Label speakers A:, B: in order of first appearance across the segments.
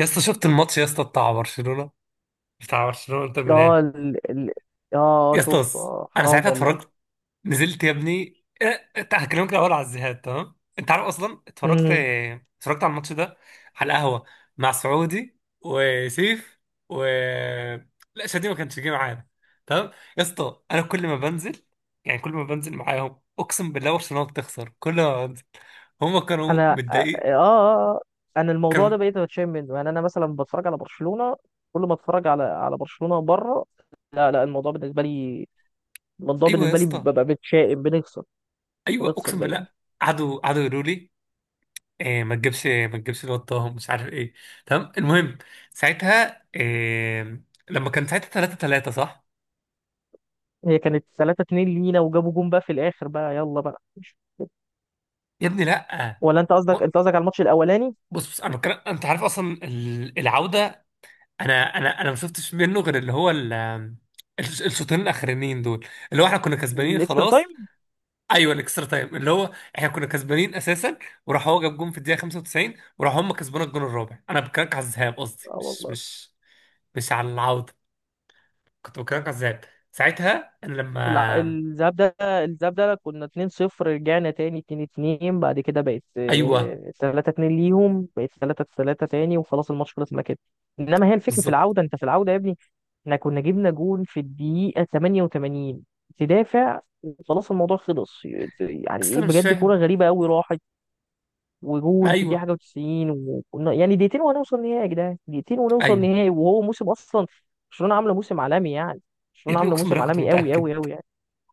A: يا اسطى شفت الماتش؟ يا اسطى بتاع برشلونه، بتاع برشلونه انتر ميلان.
B: اه ال... ال... اه
A: يا اسطى
B: شوف،
A: بص،
B: آه
A: انا
B: حرام
A: ساعتها
B: والله.
A: اتفرجت. نزلت يا ابني، انت هكلمك الاول على الذهاب، تمام؟ انت عارف اصلا اتفرجت،
B: امم
A: اتفرجت على الماتش ده على القهوه مع سعودي وسيف و... لا، شادي ما كانش جه معانا. تمام. يا اسطى انا كل ما بنزل، يعني كل ما بنزل معاهم اقسم بالله برشلونه بتخسر، كل ما بنزل. هم كانوا
B: انا اه,
A: متضايقين،
B: آه آه. انا الموضوع
A: كانوا.
B: ده بقيت بتشيم منه، يعني انا مثلا بتفرج على برشلونة كل ما اتفرج على برشلونة بره. لا لا، الموضوع
A: ايوه يا
B: بالنسبة لي
A: اسطى،
B: ببقى بتشائم،
A: ايوه
B: بنخسر
A: اقسم
B: دايما.
A: بالله. قعدوا قعدوا يقولوا لي إيه، ما تجيبش ما تجيبش الواد طه، مش عارف ايه. تمام، المهم، ساعتها إيه؟ لما كان ساعتها 3-3، صح؟
B: هي كانت 3-2 لينا، وجابوا جون بقى في الاخر بقى، يلا بقى.
A: يا ابني لا.
B: ولا انت قصدك،
A: هو-
B: على الماتش الاولاني؟
A: بص بص، انا بتكلم انت عارف اصلا العوده. انا ما شفتش منه غير اللي هو الشوطين الاخرانيين دول، اللي هو احنا كنا كسبانين
B: الاكسترا
A: خلاص.
B: تايم.
A: ايوه الاكسترا تايم، اللي هو احنا كنا كسبانين اساسا، وراح هو جاب جون في الدقيقه 95، وراح هم كسبونا الجون الرابع. انا بكلمك على الذهاب، قصدي
B: اه
A: مش
B: والله.
A: مش مش على العوده، كنت بكلام كذاب ساعتها، انا لما...
B: الذهاب ده، كنا 2-0، رجعنا تاني 2-2، بعد كده بقت،
A: ايوه
B: 3-2 ليهم، بقت 3-3 تاني، وخلاص الماتش خلص ما كده. انما هي الفكرة في
A: بالظبط.
B: العودة، انت في العودة يا ابني. احنا كنا جبنا جون في الدقيقة 88، تدافع وخلاص الموضوع خلص، يعني
A: بس
B: ايه
A: انا مش
B: بجد، كورة
A: فاهم.
B: غريبة قوي راحت.
A: ما
B: وجون في الدقيقة
A: ايوه.
B: حاجة و90. وكنا يعني دقيقتين وهنوصل نهائي يا جدعان، دقيقتين ونوصل
A: ايوه
B: نهائي، وهو موسم اصلا برشلونة عاملة موسم عالمي يعني.
A: يا
B: برشلونة
A: ابني،
B: عاملة
A: اقسم
B: موسم
A: بالله كنت
B: عالمي قوي
A: متاكد،
B: قوي قوي.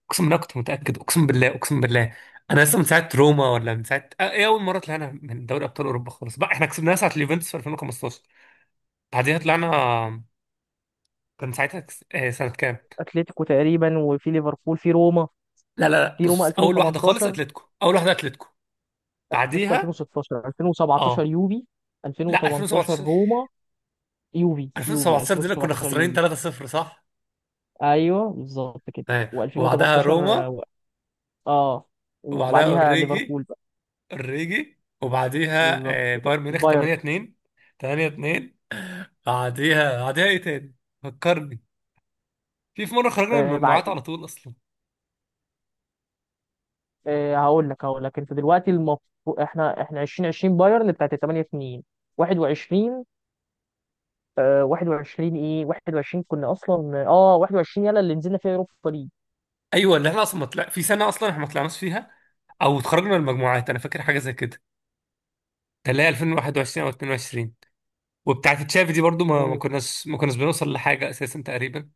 A: اقسم بالله كنت متاكد، اقسم بالله، اقسم بالله. انا لسه من ساعه روما، ولا من ساعه ايه، اول مره طلعنا من دوري ابطال اوروبا خالص بقى، احنا كسبناها ساعه اليوفنتوس في 2015. بعديها طلعنا، كان ساعتها كس... آه، سنه كام؟
B: اتلتيكو تقريبا، وفي ليفربول، في روما.
A: لا لا لا بص، اول واحده خالص
B: 2018،
A: اتلتيكو، اول واحده اتلتيكو.
B: اتلتيكو
A: بعديها
B: 2016، 2017
A: اه.
B: يوفي،
A: لا
B: 2018
A: 2017،
B: روما. يوفي،
A: 2017 دي اللي كنا
B: 2017
A: خسرانين
B: يوفي.
A: 3-0، صح؟
B: ايوه بالظبط كده،
A: تمام، وبعدها
B: و2018.
A: روما،
B: اه،
A: وبعدها
B: وبعديها
A: اوريجي،
B: ليفربول بقى.
A: اوريجي. وبعديها
B: بالظبط كده،
A: بايرن ميونخ
B: بايرن.
A: 8-2. 8-2. بعديها بعديها ايه تاني؟ فكرني. في مره خرجنا من
B: آه بعد
A: المجموعات على طول اصلا.
B: آه هقول لك، انت دلوقتي المفروض احنا، 2020 بايرن بتاعت 8-2. 21، 21، ايه 21 كنا اصلا، 21 يلا اللي نزلنا فيها اوروبا
A: ايوه، اللي احنا اصلا ما طلع في سنه اصلا، احنا ما طلعناش فيها، او اتخرجنا من المجموعات. انا فاكر حاجه زي كده، كان اللي هي 2021 او 22. وبتاعه تشافي دي برضو ما ما
B: ليج.
A: كناش ما كناش بنوصل لحاجه اساسا تقريبا،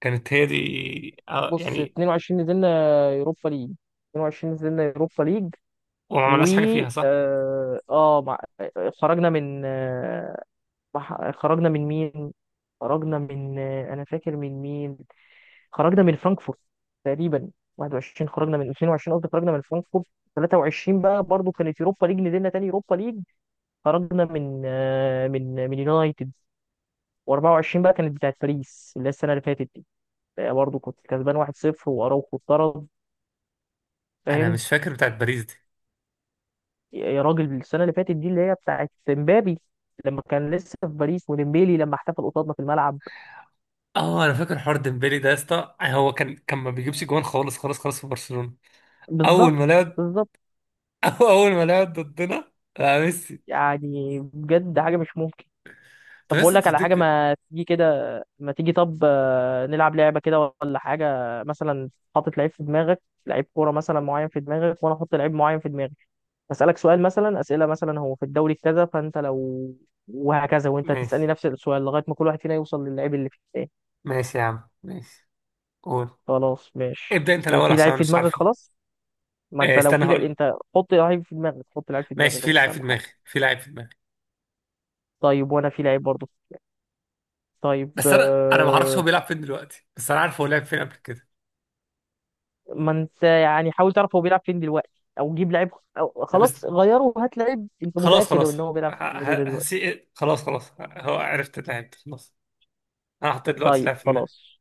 A: كانت هي دي.
B: بص
A: يعني
B: 22 نزلنا يوروبا ليج. 22 نزلنا يوروبا ليج،
A: وما
B: و،
A: عملناش حاجه فيها، صح.
B: اه آه، مع... خرجنا من، خرجنا من مين، خرجنا من، انا فاكر من مين خرجنا من فرانكفورت تقريبا. 21 خرجنا من 22 قصدي خرجنا من فرانكفورت. 23 بقى برضو كانت يوروبا ليج، نزلنا تاني يوروبا ليج، خرجنا من، من يونايتد. و24 بقى كانت بتاعت باريس، اللي هي السنه اللي فاتت دي. برضه كنت كسبان 1-0 واراوخو اتطرد،
A: انا
B: فاهم؟
A: مش فاكر بتاعه باريس دي.
B: يا راجل، السنه اللي فاتت دي اللي هي بتاعت مبابي لما كان لسه في باريس، وديمبيلي لما احتفل قصادنا في الملعب.
A: اه انا فاكر حوار ديمبلي ده يا اسطى، هو كان ما بيجيبش جوان خالص خالص خالص في برشلونة. اول
B: بالظبط،
A: ما لعب.
B: بالظبط.
A: اول ما لعب ضدنا. لا ميسي.
B: يعني بجد حاجه مش ممكن.
A: طب
B: طب بقول
A: لسه
B: لك على حاجه،
A: تفتكر؟
B: ما تيجي كده، ما تيجي طب، نلعب لعبه كده ولا حاجه. مثلا حاطط لعيب في دماغك، لعيب كوره مثلا معين في دماغك، وانا احط لعيب معين في دماغي. اسالك سؤال مثلا، اسئله مثلا، هو في الدوري كذا، فانت لو، وهكذا. وانت هتسالني
A: ماشي
B: نفس السؤال لغايه ما كل واحد فينا يوصل للعيب اللي في التاني.
A: ماشي يا عم، ماشي. قول،
B: خلاص ماشي،
A: ابدأ انت الاول
B: في
A: عشان
B: لعيب
A: انا
B: في
A: مش
B: دماغك
A: عارف.
B: خلاص. ما
A: إيه
B: انت لو
A: استنى، هقول لك.
B: انت حط لعيب في دماغك، حط لعيب في
A: ماشي،
B: دماغك
A: في
B: بس
A: لاعب في
B: اهم
A: دماغي،
B: حاجه.
A: في لاعب في دماغي.
B: طيب وانا في لعيب برضه في دماغي. طيب،
A: بس انا ما اعرفش هو بيلعب فين دلوقتي، بس انا عارف هو لعب فين قبل كده.
B: ما انت يعني حاول تعرف هو بيلعب فين دلوقتي، او جيب لعيب، أو
A: لا بس،
B: خلاص غيره وهات لعيب انت
A: خلاص
B: متاكد
A: خلاص،
B: ان هو بيلعب في النادي ده
A: هسي
B: دلوقتي.
A: إيه؟ خلاص خلاص، هو عرفت اللاعب، خلاص. انا حطيت دلوقتي
B: طيب
A: لاعب في دماغي.
B: خلاص.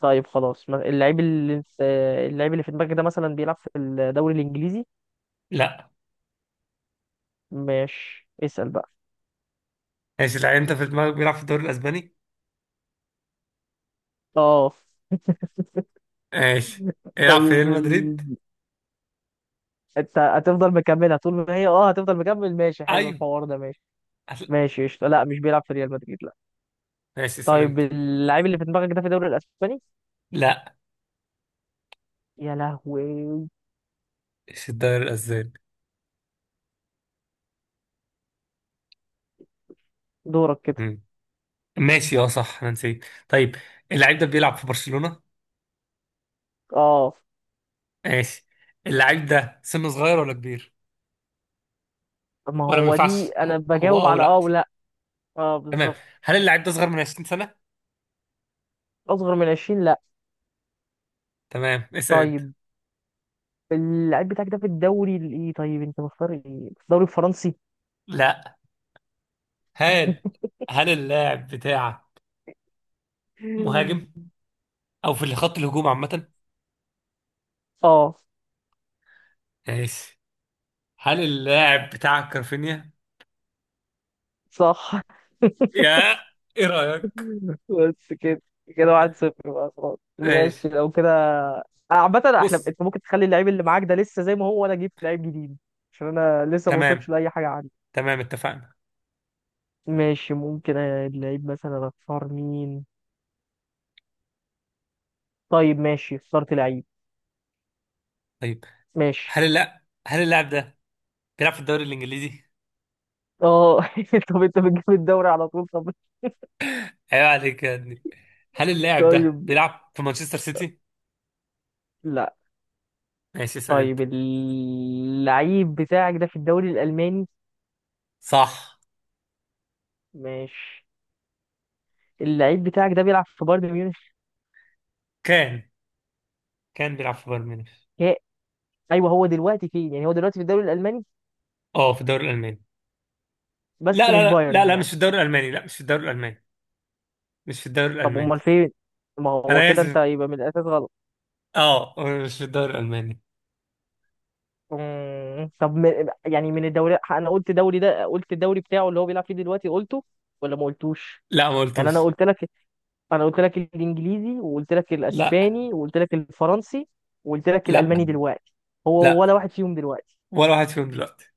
B: طيب خلاص ما- اللعيب اللي انت- اللعيب اللي في دماغك ده مثلا بيلعب في الدوري الانجليزي؟
A: لا.
B: ماشي اسال بقى.
A: ماشي، لا انت في دماغك بيلعب في الدوري الاسباني.
B: اه
A: ماشي، يلعب في
B: طيب
A: ريال
B: ال...
A: مدريد.
B: انت هتفضل مكملها طول ما هي، هتفضل مكمل. ماشي حلو
A: ايوه.
B: الحوار ده، ماشي.
A: هتل-
B: ماشي قشطة، لا مش بيلعب في ريال مدريد، لا.
A: ماشي، اسال
B: طيب
A: انت.
B: اللعيب اللي في دماغك ده في الدوري الاسباني؟
A: لا،
B: يا لهوي.
A: مش الدوري الاسباني.
B: دورك كده.
A: مم. ماشي اه صح، انا نسيت. طيب اللعيب ده بيلعب في برشلونة.
B: اه.
A: ماشي، اللعيب ده سنه صغير ولا كبير؟
B: ما
A: ولا ما
B: هو دي
A: ينفعش؟
B: انا
A: هو هو
B: بجاوب
A: او
B: على اه
A: لا؟
B: ولا؟ اه
A: تمام.
B: بالظبط.
A: هل اللاعب ده صغير من 20 سنة؟
B: اصغر من 20، لا.
A: تمام، اسال انت.
B: طيب اللعيب بتاعك ده في الدوري الايه طيب انت مختار ايه؟ في الدوري الفرنسي؟
A: لا. هل هل اللاعب بتاعك مهاجم، او في خط الهجوم عامة؟
B: اه
A: ماشي، هل اللاعب بتاعك كرفينيا؟
B: صح.
A: يا ايه رأيك؟
B: بس كده، كده 1-0 بقى خلاص
A: ماشي.
B: ماشي لو كده. عامة احنا،
A: بص.
B: انت ممكن تخلي اللعيب اللي معاك ده لسه زي ما هو، وانا اجيب لعيب جديد، عشان انا لسه ما وصلتش
A: تمام
B: لاي حاجة عندي.
A: تمام، اتفقنا.
B: ماشي، ممكن اللعيب مثلا اختار مين. طيب ماشي اخترت لعيب.
A: طيب.
B: ماشي.
A: هل اللاعب ده بيلعب في الدوري الانجليزي؟
B: اه طب انت بتجيب الدوري على طول، طب.
A: ايوه عليك يا ابني. هل اللاعب ده
B: طيب،
A: بيلعب في مانشستر سيتي؟
B: لا،
A: ماشي اسال انت.
B: طيب اللعيب بتاعك ده في الدوري الالماني؟
A: صح.
B: ماشي. اللعيب بتاعك ده بيلعب في بايرن ميونخ؟
A: كان، بيلعب في بايرن ميونخ.
B: يا- ايوه، هو دلوقتي فين يعني؟ هو دلوقتي في الدوري الالماني
A: اه، في الدوري الالماني.
B: بس
A: لا لا
B: مش
A: لا لا
B: بايرن
A: لا، مش
B: يعني؟
A: في الدوري الالماني. لا، مش في الدوري الالماني، مش في الدوري
B: طب
A: الالماني.
B: امال فين؟ ما هو
A: انا
B: كده انت
A: اسف،
B: يبقى من الاساس غلط.
A: اه، هو مش في الدوري الالماني.
B: طب من يعني، من الدوري، انا قلت دوري ده، قلت الدوري بتاعه اللي هو بيلعب فيه دلوقتي قلته ولا ما قلتوش؟
A: لا، ما
B: يعني انا
A: قلتوش.
B: قلت لك، الانجليزي، وقلت لك
A: لا.
B: الاسباني، وقلت لك الفرنسي، وقلت لك الالماني
A: لا.
B: دلوقتي. هو
A: لا،
B: ولا واحد فيهم دلوقتي؟
A: ولا واحد فيهم دلوقتي.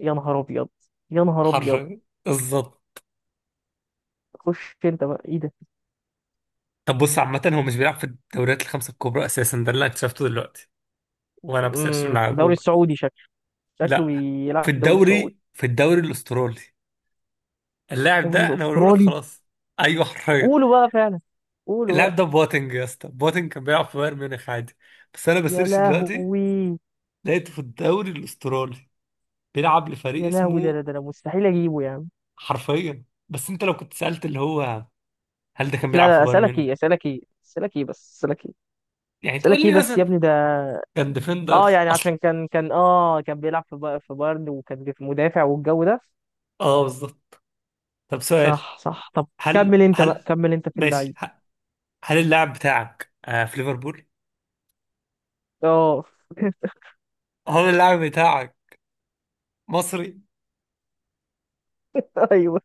B: يا نهار ابيض، يا نهار ابيض.
A: حرفيا، بالظبط.
B: خش انت بقى، ايه ده؟
A: طب بص، عامة هو مش بيلعب في الدوريات الخمسة الكبرى أساسا، ده اللي أنا اكتشفته دلوقتي وأنا بسيرش من
B: في
A: على
B: الدوري
A: جوجل.
B: السعودي شكله،
A: لا، في
B: بيلعب في الدوري السعودي.
A: الدوري، في الدوري الأسترالي. اللاعب
B: الدوري
A: ده أنا بقوله لك،
B: الاسترالي؟
A: خلاص. أيوه حرفيا.
B: قولوا بقى فعلا، قولوا
A: اللاعب
B: بقى.
A: ده بوتنج يا اسطى، بوتنج كان بيلعب في بايرن ميونخ عادي، بس أنا
B: يا
A: بسيرش دلوقتي
B: لهوي،
A: لقيته في الدوري الأسترالي بيلعب لفريق
B: يا لهوي، ده
A: اسمه...
B: ده ده مستحيل اجيبه يعني.
A: حرفيا. بس أنت لو كنت سألت اللي هو هل ده كان
B: لا
A: بيلعب في
B: لا،
A: بايرن
B: اسالك
A: ميونخ؟
B: ايه؟ بس اسالك ايه،
A: يعني تقول
B: اسالك ايه
A: لي
B: بس يا
A: مثلا
B: ابني ده،
A: كان ديفندر
B: اه، يعني
A: أصلا.
B: عشان كان، كان بيلعب في بايرن، وكان بيبقى مدافع والجو ده.
A: أه بالظبط. طب سؤال.
B: صح صح طب.
A: هل
B: كمل انت بقى،
A: هل
B: كمل انت في
A: ماشي
B: اللعيب.
A: هل اللاعب بتاعك في ليفربول؟
B: اه
A: هل اللاعب بتاعك مصري؟
B: ايوه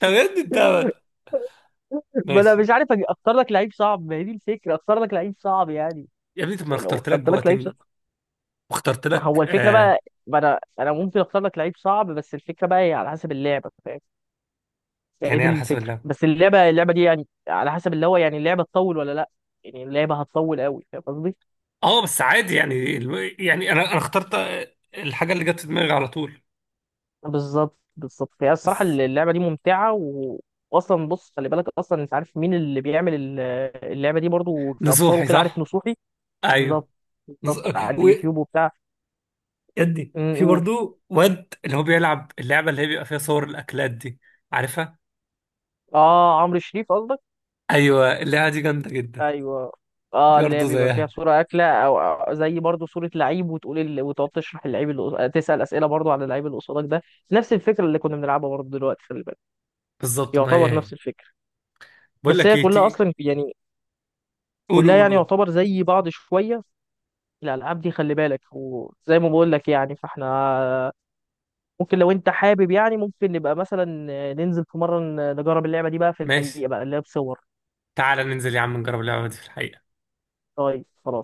A: طب يا ابني انت.
B: ما انا مش
A: ماشي.
B: عارف اختار لك لعيب صعب، ما هي دي الفكره، اختار لك لعيب صعب يعني.
A: يا ابني طب ما أنا
B: ولو
A: اخترت لك
B: اخترت لك لعيب
A: بواتينج
B: صعب،
A: واخترت
B: هو
A: لك
B: الفكره
A: آه.
B: بقى. ما انا، ممكن اختار لك لعيب صعب، بس الفكره بقى هي على حسب اللعبه، فاهم؟ هي
A: يعني إيه
B: دي
A: على حسب
B: الفكرة،
A: اللاعب؟
B: بس اللعبة، دي يعني على حسب اللي هو، يعني اللعبة تطول ولا لا؟ يعني اللعبة هتطول قوي، فاهم قصدي؟
A: اه بس عادي يعني يعني انا اخترت الحاجه اللي جت في دماغي على طول.
B: بالظبط، بالظبط. هي الصراحة
A: بس
B: اللعبة دي ممتعة واصلا بص خلي بالك، اصلا انت عارف مين اللي بيعمل اللعبة دي برضو، في افكار
A: نصوحي،
B: وكده، عارف
A: صح؟
B: نصوحي؟
A: ايوه.
B: بالظبط،
A: نص...
B: بالظبط. على
A: و...
B: اليوتيوب وبتاع.
A: يا ابني، في
B: قول.
A: برضو واد اللي هو بيلعب اللعبه اللي هي بيبقى فيها صور الاكلات دي، عارفها؟
B: اه، عمرو شريف قصدك.
A: ايوه اللعبه دي جامده جدا.
B: ايوه.
A: دي
B: اه، اللي هي
A: برضه
B: بيبقى فيها
A: زيها،
B: صوره اكله، او أو زي برضو صوره لعيب، وتقول ال...، وتقعد تشرح اللعيب تسال اسئله برضو على اللعيب اللي قصادك ده. نفس الفكره اللي كنا بنلعبها برضو دلوقتي، خلي بالك.
A: بالظبط، ما هي
B: يعتبر
A: هي.
B: نفس الفكره.
A: بقول
B: بس
A: لك
B: هي
A: ايه،
B: كلها
A: تيجي
B: اصلا يعني،
A: قول
B: كلها
A: قول
B: يعني
A: قول
B: يعتبر زي بعض شويه، الالعاب دي خلي بالك. وزي ما بقول لك يعني، فاحنا ممكن لو انت حابب، يعني ممكن نبقى مثلا ننزل في مره نجرب اللعبه دي بقى في
A: ماشي،
B: الحقيقه بقى، اللي هي بصور.
A: تعالى ننزل يا عم نجرب اللعبة دي في الحقيقة.
B: طيب خلاص.